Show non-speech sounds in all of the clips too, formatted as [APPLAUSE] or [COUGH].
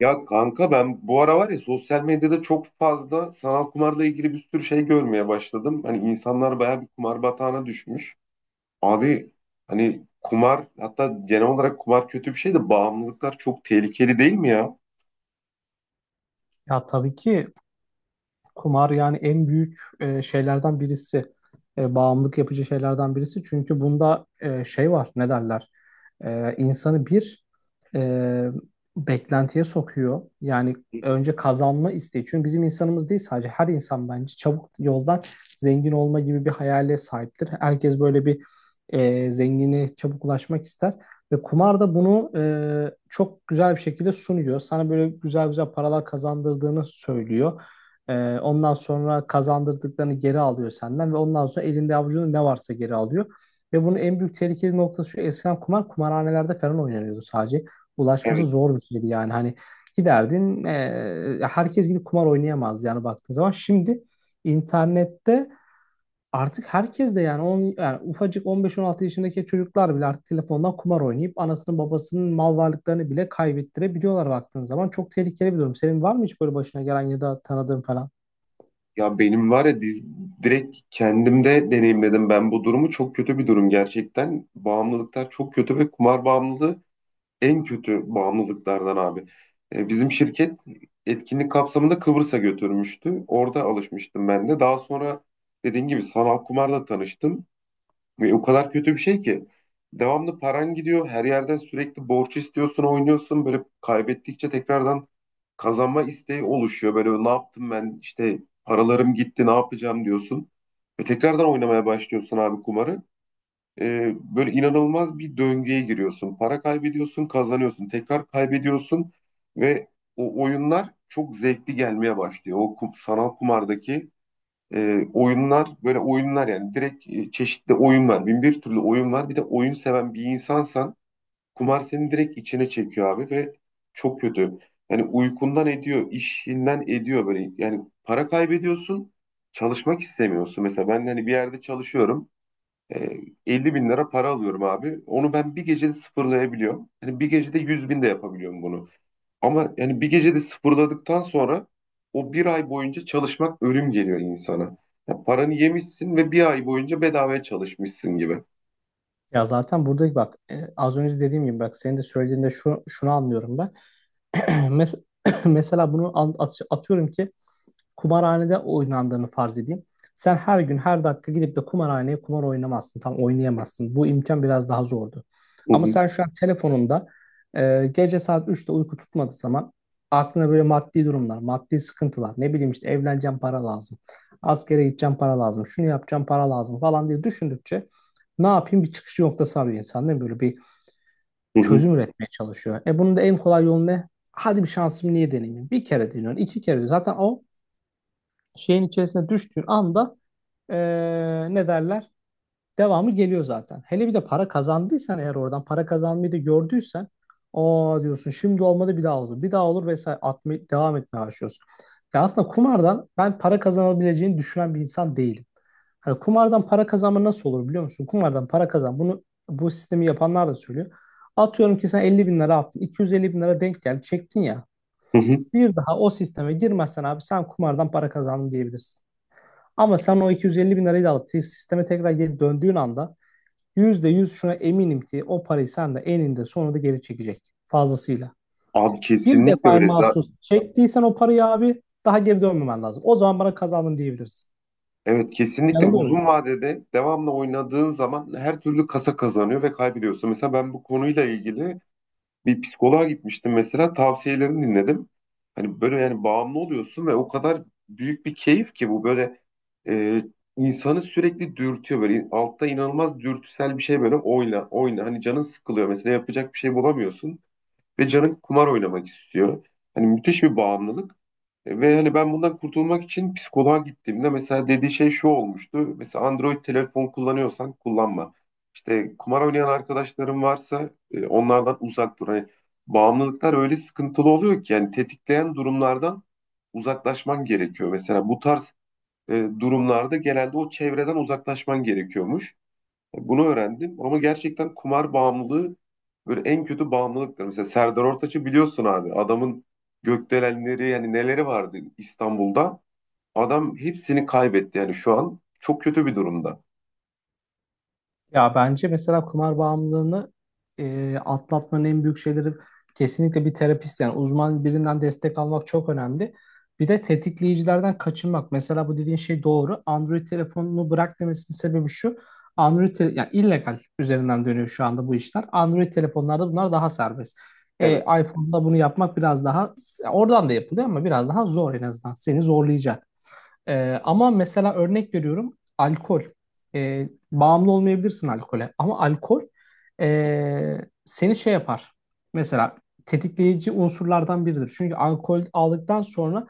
Ya kanka ben bu ara var ya sosyal medyada çok fazla sanal kumarla ilgili bir sürü şey görmeye başladım. Hani insanlar bayağı bir kumar batağına düşmüş. Abi, hani kumar, hatta genel olarak kumar kötü bir şey de bağımlılıklar çok tehlikeli değil mi ya? Ya, tabii ki. Kumar, yani en büyük şeylerden birisi, bağımlılık yapıcı şeylerden birisi. Çünkü bunda şey var, ne derler? E, insanı bir e, beklentiye sokuyor. Yani önce kazanma isteği. Çünkü bizim insanımız değil, sadece her insan bence çabuk yoldan zengin olma gibi bir hayale sahiptir. Herkes böyle bir zenginliğe çabuk ulaşmak ister. Ve kumar da bunu çok güzel bir şekilde sunuyor. Sana böyle güzel güzel paralar kazandırdığını söylüyor. Ondan sonra kazandırdıklarını geri alıyor senden ve ondan sonra elinde avucunda ne varsa geri alıyor. Ve bunun en büyük tehlikeli noktası şu: eskiden kumar kumarhanelerde falan oynanıyordu sadece. Ulaşması Evet. zor bir şeydi. Yani hani giderdin, herkes gidip kumar oynayamazdı yani, baktığın zaman. Şimdi internette artık herkes de, yani, yani ufacık 15-16 yaşındaki çocuklar bile artık telefondan kumar oynayıp anasının babasının mal varlıklarını bile kaybettirebiliyorlar baktığın zaman. Çok tehlikeli bir durum. Senin var mı hiç böyle başına gelen ya da tanıdığın falan? Ya benim var ya direkt kendimde deneyimledim ben bu durumu. Çok kötü bir durum gerçekten. Bağımlılıklar çok kötü ve kumar bağımlılığı en kötü bağımlılıklardan abi. Bizim şirket etkinlik kapsamında Kıbrıs'a götürmüştü. Orada alışmıştım ben de. Daha sonra dediğim gibi sanal kumarla tanıştım. Ve o kadar kötü bir şey ki devamlı paran gidiyor. Her yerden sürekli borç istiyorsun, oynuyorsun. Böyle kaybettikçe tekrardan kazanma isteği oluşuyor. Böyle ne yaptım ben, işte paralarım gitti ne yapacağım diyorsun. Ve tekrardan oynamaya başlıyorsun abi kumarı, böyle inanılmaz bir döngüye giriyorsun. Para kaybediyorsun, kazanıyorsun, tekrar kaybediyorsun ve o oyunlar çok zevkli gelmeye başlıyor. Sanal kumardaki oyunlar, böyle oyunlar yani, direkt çeşitli oyun var. Bin bir türlü oyun var. Bir de oyun seven bir insansan kumar seni direkt içine çekiyor abi, ve çok kötü. Yani uykundan ediyor, işinden ediyor böyle. Yani para kaybediyorsun, çalışmak istemiyorsun. Mesela ben hani bir yerde çalışıyorum. E, 50 bin lira para alıyorum abi. Onu ben bir gecede sıfırlayabiliyorum. Yani bir gecede 100 bin de yapabiliyorum bunu. Ama yani bir gecede sıfırladıktan sonra o bir ay boyunca çalışmak ölüm geliyor insana. Ya paranı yemişsin ve bir ay boyunca bedavaya çalışmışsın gibi. Ya zaten buradaki bak, az önce dediğim gibi, bak senin de söylediğinde şunu anlıyorum ben. [CLEARS THROAT] Mes- [CLEARS THROAT] Mesela bunu atıyorum ki kumarhanede oynandığını farz edeyim. Sen her gün her dakika gidip de kumarhaneye kumar oynamazsın. Tam oynayamazsın. Bu imkan biraz daha zordu. Hı Ama hı, sen şu an telefonunda, gece saat üçte uyku tutmadığı zaman, aklına böyle maddi durumlar, maddi sıkıntılar, ne bileyim işte, evleneceğim para lazım, askere gideceğim para lazım, şunu yapacağım para lazım falan diye düşündükçe, ne yapayım, bir çıkış noktası arıyor insan değil mi? Böyle bir hı hı, çözüm üretmeye çalışıyor. E, bunun da en kolay yolu ne? Hadi bir şansımı niye deneyeyim? Bir kere deniyorsun, iki kere deniyorsun. Zaten o şeyin içerisine düştüğün anda, ne derler, devamı geliyor zaten. Hele bir de para kazandıysan, eğer oradan para kazanmayı da gördüysen, o diyorsun şimdi olmadı bir daha olur. Bir daha olur vesaire atmaya, devam etmeye başlıyorsun. Ya aslında kumardan ben para kazanabileceğini düşünen bir insan değilim. Hani kumardan para kazanma nasıl olur biliyor musun? Kumardan para kazan. Bunu bu sistemi yapanlar da söylüyor. Atıyorum ki sen 50 bin lira attın. 250 bin lira denk geldi. Çektin ya. hı hı. Bir daha o sisteme girmezsen abi, sen kumardan para kazandın diyebilirsin. Ama sen o 250 bin lirayı da alıp sisteme tekrar geri döndüğün anda, %100 şuna eminim ki o parayı sen de eninde sonunda geri çekecek fazlasıyla. Abi Bir kesinlikle defa öyle. Za- mahsus çektiysen o parayı abi, daha geri dönmemen lazım. O zaman bana kazandın diyebilirsin. Evet, kesinlikle Yanılıyor muyum? uzun vadede devamlı oynadığın zaman her türlü kasa kazanıyor ve kaybediyorsun. Mesela ben bu konuyla ilgili bir psikoloğa gitmiştim, mesela tavsiyelerini dinledim. Hani böyle, yani bağımlı oluyorsun ve o kadar büyük bir keyif ki bu, böyle e, insanı sürekli dürtüyor, böyle altta inanılmaz dürtüsel bir şey, böyle oyna oyna, hani canın sıkılıyor mesela, yapacak bir şey bulamıyorsun ve canın kumar oynamak istiyor. Hani müthiş bir bağımlılık. Ve hani ben bundan kurtulmak için psikoloğa gittiğimde mesela dediği şey şu olmuştu. Mesela Android telefon kullanıyorsan kullanma. İşte kumar oynayan arkadaşların varsa onlardan uzak dur. Hani bağımlılıklar öyle sıkıntılı oluyor ki, yani tetikleyen durumlardan uzaklaşman gerekiyor. Mesela bu tarz durumlarda genelde o çevreden uzaklaşman gerekiyormuş. Bunu öğrendim ama gerçekten kumar bağımlılığı böyle en kötü bağımlılıktır. Mesela Serdar Ortaç'ı biliyorsun abi. Adamın gökdelenleri, yani neleri vardı İstanbul'da. Adam hepsini kaybetti, yani şu an çok kötü bir durumda. Ya bence mesela kumar bağımlılığını atlatmanın en büyük şeyleri, kesinlikle bir terapist, yani uzman birinden destek almak çok önemli. Bir de tetikleyicilerden kaçınmak. Mesela bu dediğin şey doğru. Android telefonunu bırak demesinin sebebi şu: Android yani illegal üzerinden dönüyor şu anda bu işler. Android telefonlarda bunlar daha serbest. Evet. iPhone'da bunu yapmak biraz daha, oradan da yapılıyor ama biraz daha zor en azından. Seni zorlayacak. Ama mesela örnek veriyorum, alkol. Bağımlı olmayabilirsin alkole ama alkol Hı hı. ee, seni şey yapar. Mesela tetikleyici unsurlardan biridir. Çünkü alkol aldıktan sonra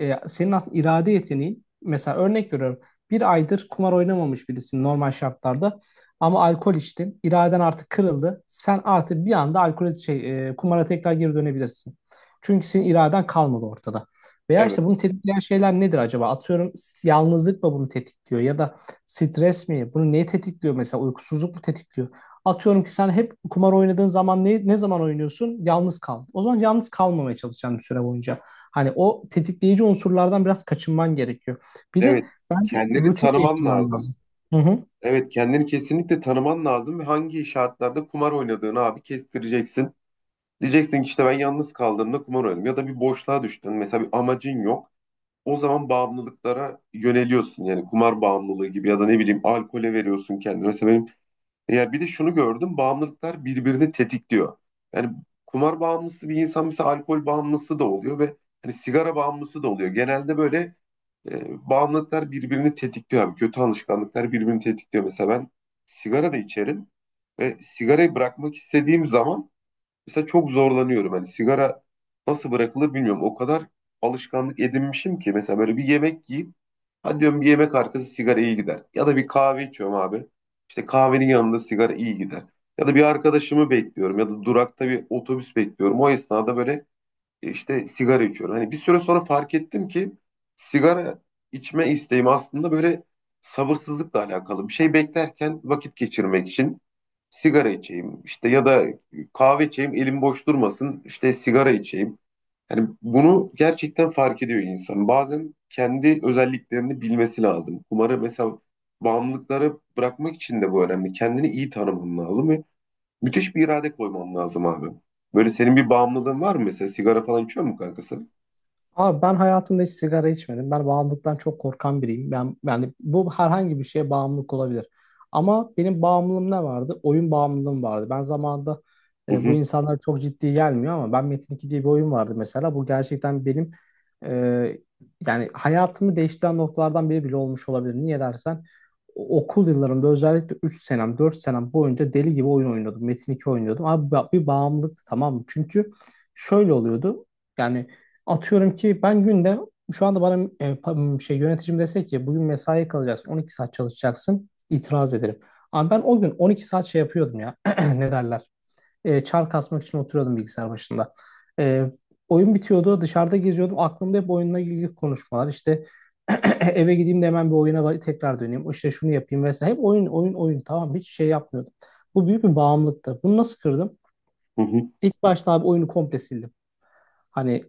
senin aslında irade yeteneğin, mesela örnek veriyorum, bir aydır kumar oynamamış birisin normal şartlarda, ama alkol içtin. İraden artık kırıldı. Sen artık bir anda kumara tekrar geri dönebilirsin. Çünkü senin iraden kalmadı ortada. Veya Evet. işte bunu tetikleyen şeyler nedir acaba? Atıyorum, yalnızlık mı bunu tetikliyor ya da stres mi? Bunu neyi tetikliyor mesela? Uykusuzluk mu tetikliyor? Atıyorum ki sen hep kumar oynadığın zaman, ne zaman oynuyorsun? Yalnız kal. O zaman yalnız kalmamaya çalışacaksın bir süre boyunca. Hani o tetikleyici unsurlardan biraz kaçınman gerekiyor. Bir de Evet. bence Kendini rutin tanıman değiştirmen lazım. lazım. Hı hı. Evet, kendini kesinlikle tanıman lazım ve hangi şartlarda kumar oynadığını abi kestireceksin. Diyeceksin ki işte ben yalnız kaldığımda kumar oynadım, ya da bir boşluğa düştün. Mesela bir amacın yok, o zaman bağımlılıklara yöneliyorsun. Yani kumar bağımlılığı gibi ya da ne bileyim alkole veriyorsun kendine. Mesela benim, ya bir de şunu gördüm, bağımlılıklar birbirini tetikliyor. Yani kumar bağımlısı bir insan mesela alkol bağımlısı da oluyor ve hani sigara bağımlısı da oluyor. Genelde böyle bağımlılıklar birbirini tetikliyor abi. Kötü alışkanlıklar birbirini tetikliyor. Mesela ben sigara da içerim ve sigarayı bırakmak istediğim zaman mesela çok zorlanıyorum. Hani sigara nasıl bırakılır bilmiyorum. O kadar alışkanlık edinmişim ki. Mesela böyle bir yemek yiyip hadi diyorum bir yemek arkası sigara iyi gider. Ya da bir kahve içiyorum abi. İşte kahvenin yanında sigara iyi gider. Ya da bir arkadaşımı bekliyorum ya da durakta bir otobüs bekliyorum. O esnada böyle işte sigara içiyorum. Hani bir süre sonra fark ettim ki sigara içme isteğim aslında böyle sabırsızlıkla alakalı. Bir şey beklerken vakit geçirmek için sigara içeyim işte, ya da kahve içeyim elim boş durmasın işte sigara içeyim. Yani bunu gerçekten fark ediyor insan. Bazen kendi özelliklerini bilmesi lazım. Umarım, mesela bağımlılıkları bırakmak için de bu önemli. Kendini iyi tanıman lazım ve müthiş bir irade koyman lazım abi. Böyle senin bir bağımlılığın var mı mesela? Sigara falan içiyor mu kankası? Abi ben hayatımda hiç sigara içmedim. Ben bağımlılıktan çok korkan biriyim. Ben, yani bu, herhangi bir şeye bağımlılık olabilir. Ama benim bağımlılığım ne vardı? Oyun bağımlılığım vardı. Ben zamanında, Hı bu hı, insanlar çok ciddi gelmiyor ama, ben Metin 2 diye bir oyun vardı mesela. Bu gerçekten benim e, yani hayatımı değiştiren noktalardan biri bile olmuş olabilir. Niye dersen, okul yıllarımda özellikle 3 senem 4 senem boyunca deli gibi oyun oynuyordum. Metin 2 oynuyordum. Abi bir bağımlılıktı, tamam mı? Çünkü şöyle oluyordu. Yani atıyorum ki ben günde, şu anda bana yöneticim dese ki bugün mesai kalacaksın, 12 saat çalışacaksın, itiraz ederim. Ama ben o gün 12 saat şey yapıyordum ya. [CLEARS THROAT] Ne derler, çar kasmak için oturuyordum bilgisayar başında. E, oyun bitiyordu, dışarıda geziyordum, aklımda hep oyunla ilgili konuşmalar. İşte [CLEARS THROAT] eve gideyim de hemen bir oyuna tekrar döneyim, işte şunu yapayım vesaire, hep oyun oyun oyun, tamam, hiç şey yapmıyordum. Bu büyük bir bağımlılıktı. Bunu nasıl kırdım? hı hı. İlk başta abi oyunu komple sildim. Hani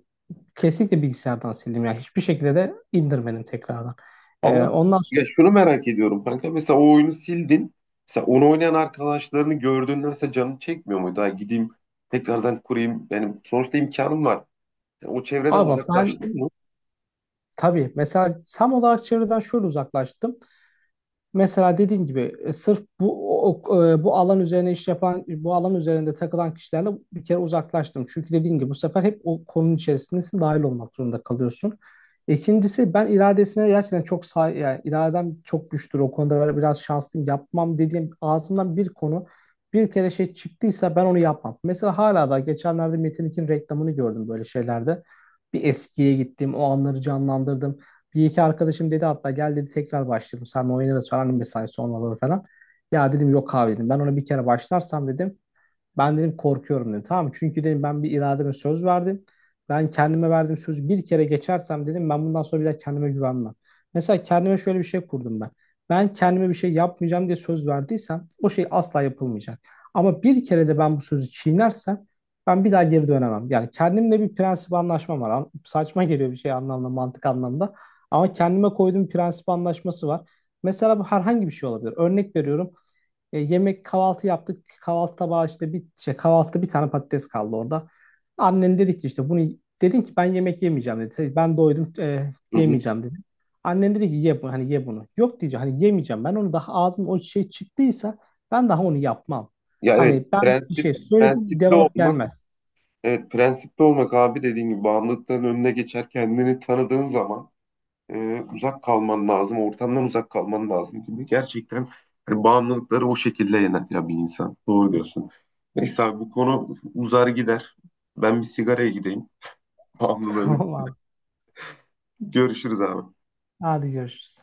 kesinlikle bilgisayardan sildim. Yani hiçbir şekilde de indirmedim tekrardan. Ee, Ama ondan ya sonra şunu merak ediyorum kanka. Mesela o oyunu sildin. Mesela onu oynayan arkadaşlarını gördüğünde mesela canın çekmiyor muydu? Ha, gideyim tekrardan kurayım. Yani sonuçta imkanım var. Yani o çevreden abi bak, ben uzaklaştın mı? tabii mesela tam olarak çevreden şöyle uzaklaştım. Mesela dediğim gibi, sırf bu o- o- e, bu alan üzerine iş yapan, bu alan üzerinde takılan kişilerle bir kere uzaklaştım. Çünkü dediğim gibi, bu sefer hep o konunun içerisindesin, dahil olmak zorunda kalıyorsun. İkincisi, ben iradesine gerçekten çok say, yani iradem çok güçtür o konuda, böyle biraz şanslıyım. Yapmam dediğim, ağzımdan bir konu bir kere şey çıktıysa ben onu yapmam. Mesela hala da geçenlerde Metin 2'nin reklamını gördüm böyle şeylerde. Bir eskiye gittim, o anları canlandırdım. Bir iki arkadaşım dedi hatta, gel dedi, tekrar başlayalım. Sen oynarız falan, mesai sonraları falan. Ya dedim, yok abi dedim. Ben ona bir kere başlarsam dedim. Ben dedim korkuyorum dedim. Tamam, çünkü dedim ben bir irademe söz verdim. Ben kendime verdiğim sözü bir kere geçersem dedim, ben bundan sonra bir daha kendime güvenmem. Mesela kendime şöyle bir şey kurdum ben. Ben kendime bir şey yapmayacağım diye söz verdiysem, o şey asla yapılmayacak. Ama bir kere de ben bu sözü çiğnersem, ben bir daha geri dönemem. Yani kendimle bir prensip anlaşmam var. Saçma geliyor bir şey anlamda, mantık anlamda. Ama kendime koyduğum prensip anlaşması var. Mesela bu herhangi bir şey olabilir. Örnek veriyorum. Yemek kahvaltı yaptık. Kahvaltı tabağı işte bir şey, kahvaltıda bir tane patates kaldı orada. Annem dedi ki işte bunu, dedim ki ben yemek yemeyeceğim dedi. Ben doydum, Hı hı. yemeyeceğim dedim. Annem dedi ki ye hani ye bunu. Yok diyeceğim, hani yemeyeceğim. Ben onu daha, ağzım o şey çıktıysa ben daha onu yapmam. Ya evet, Hani ben bir şey söyledim, prensipli cevap olmak. gelmez. Evet, prensipli olmak abi, dediğin gibi bağımlılıkların önüne geçer kendini tanıdığın zaman. Uzak kalman lazım, ortamdan uzak kalman lazım gibi. Gerçekten hani bağımlılıkları o şekilde yener ya bir insan. Doğru diyorsun. Neyse abi, bu konu uzar gider. Ben bir sigaraya gideyim. [LAUGHS] Bağımlılığını Tamam abi. görüşürüz abi. Hadi görüşürüz.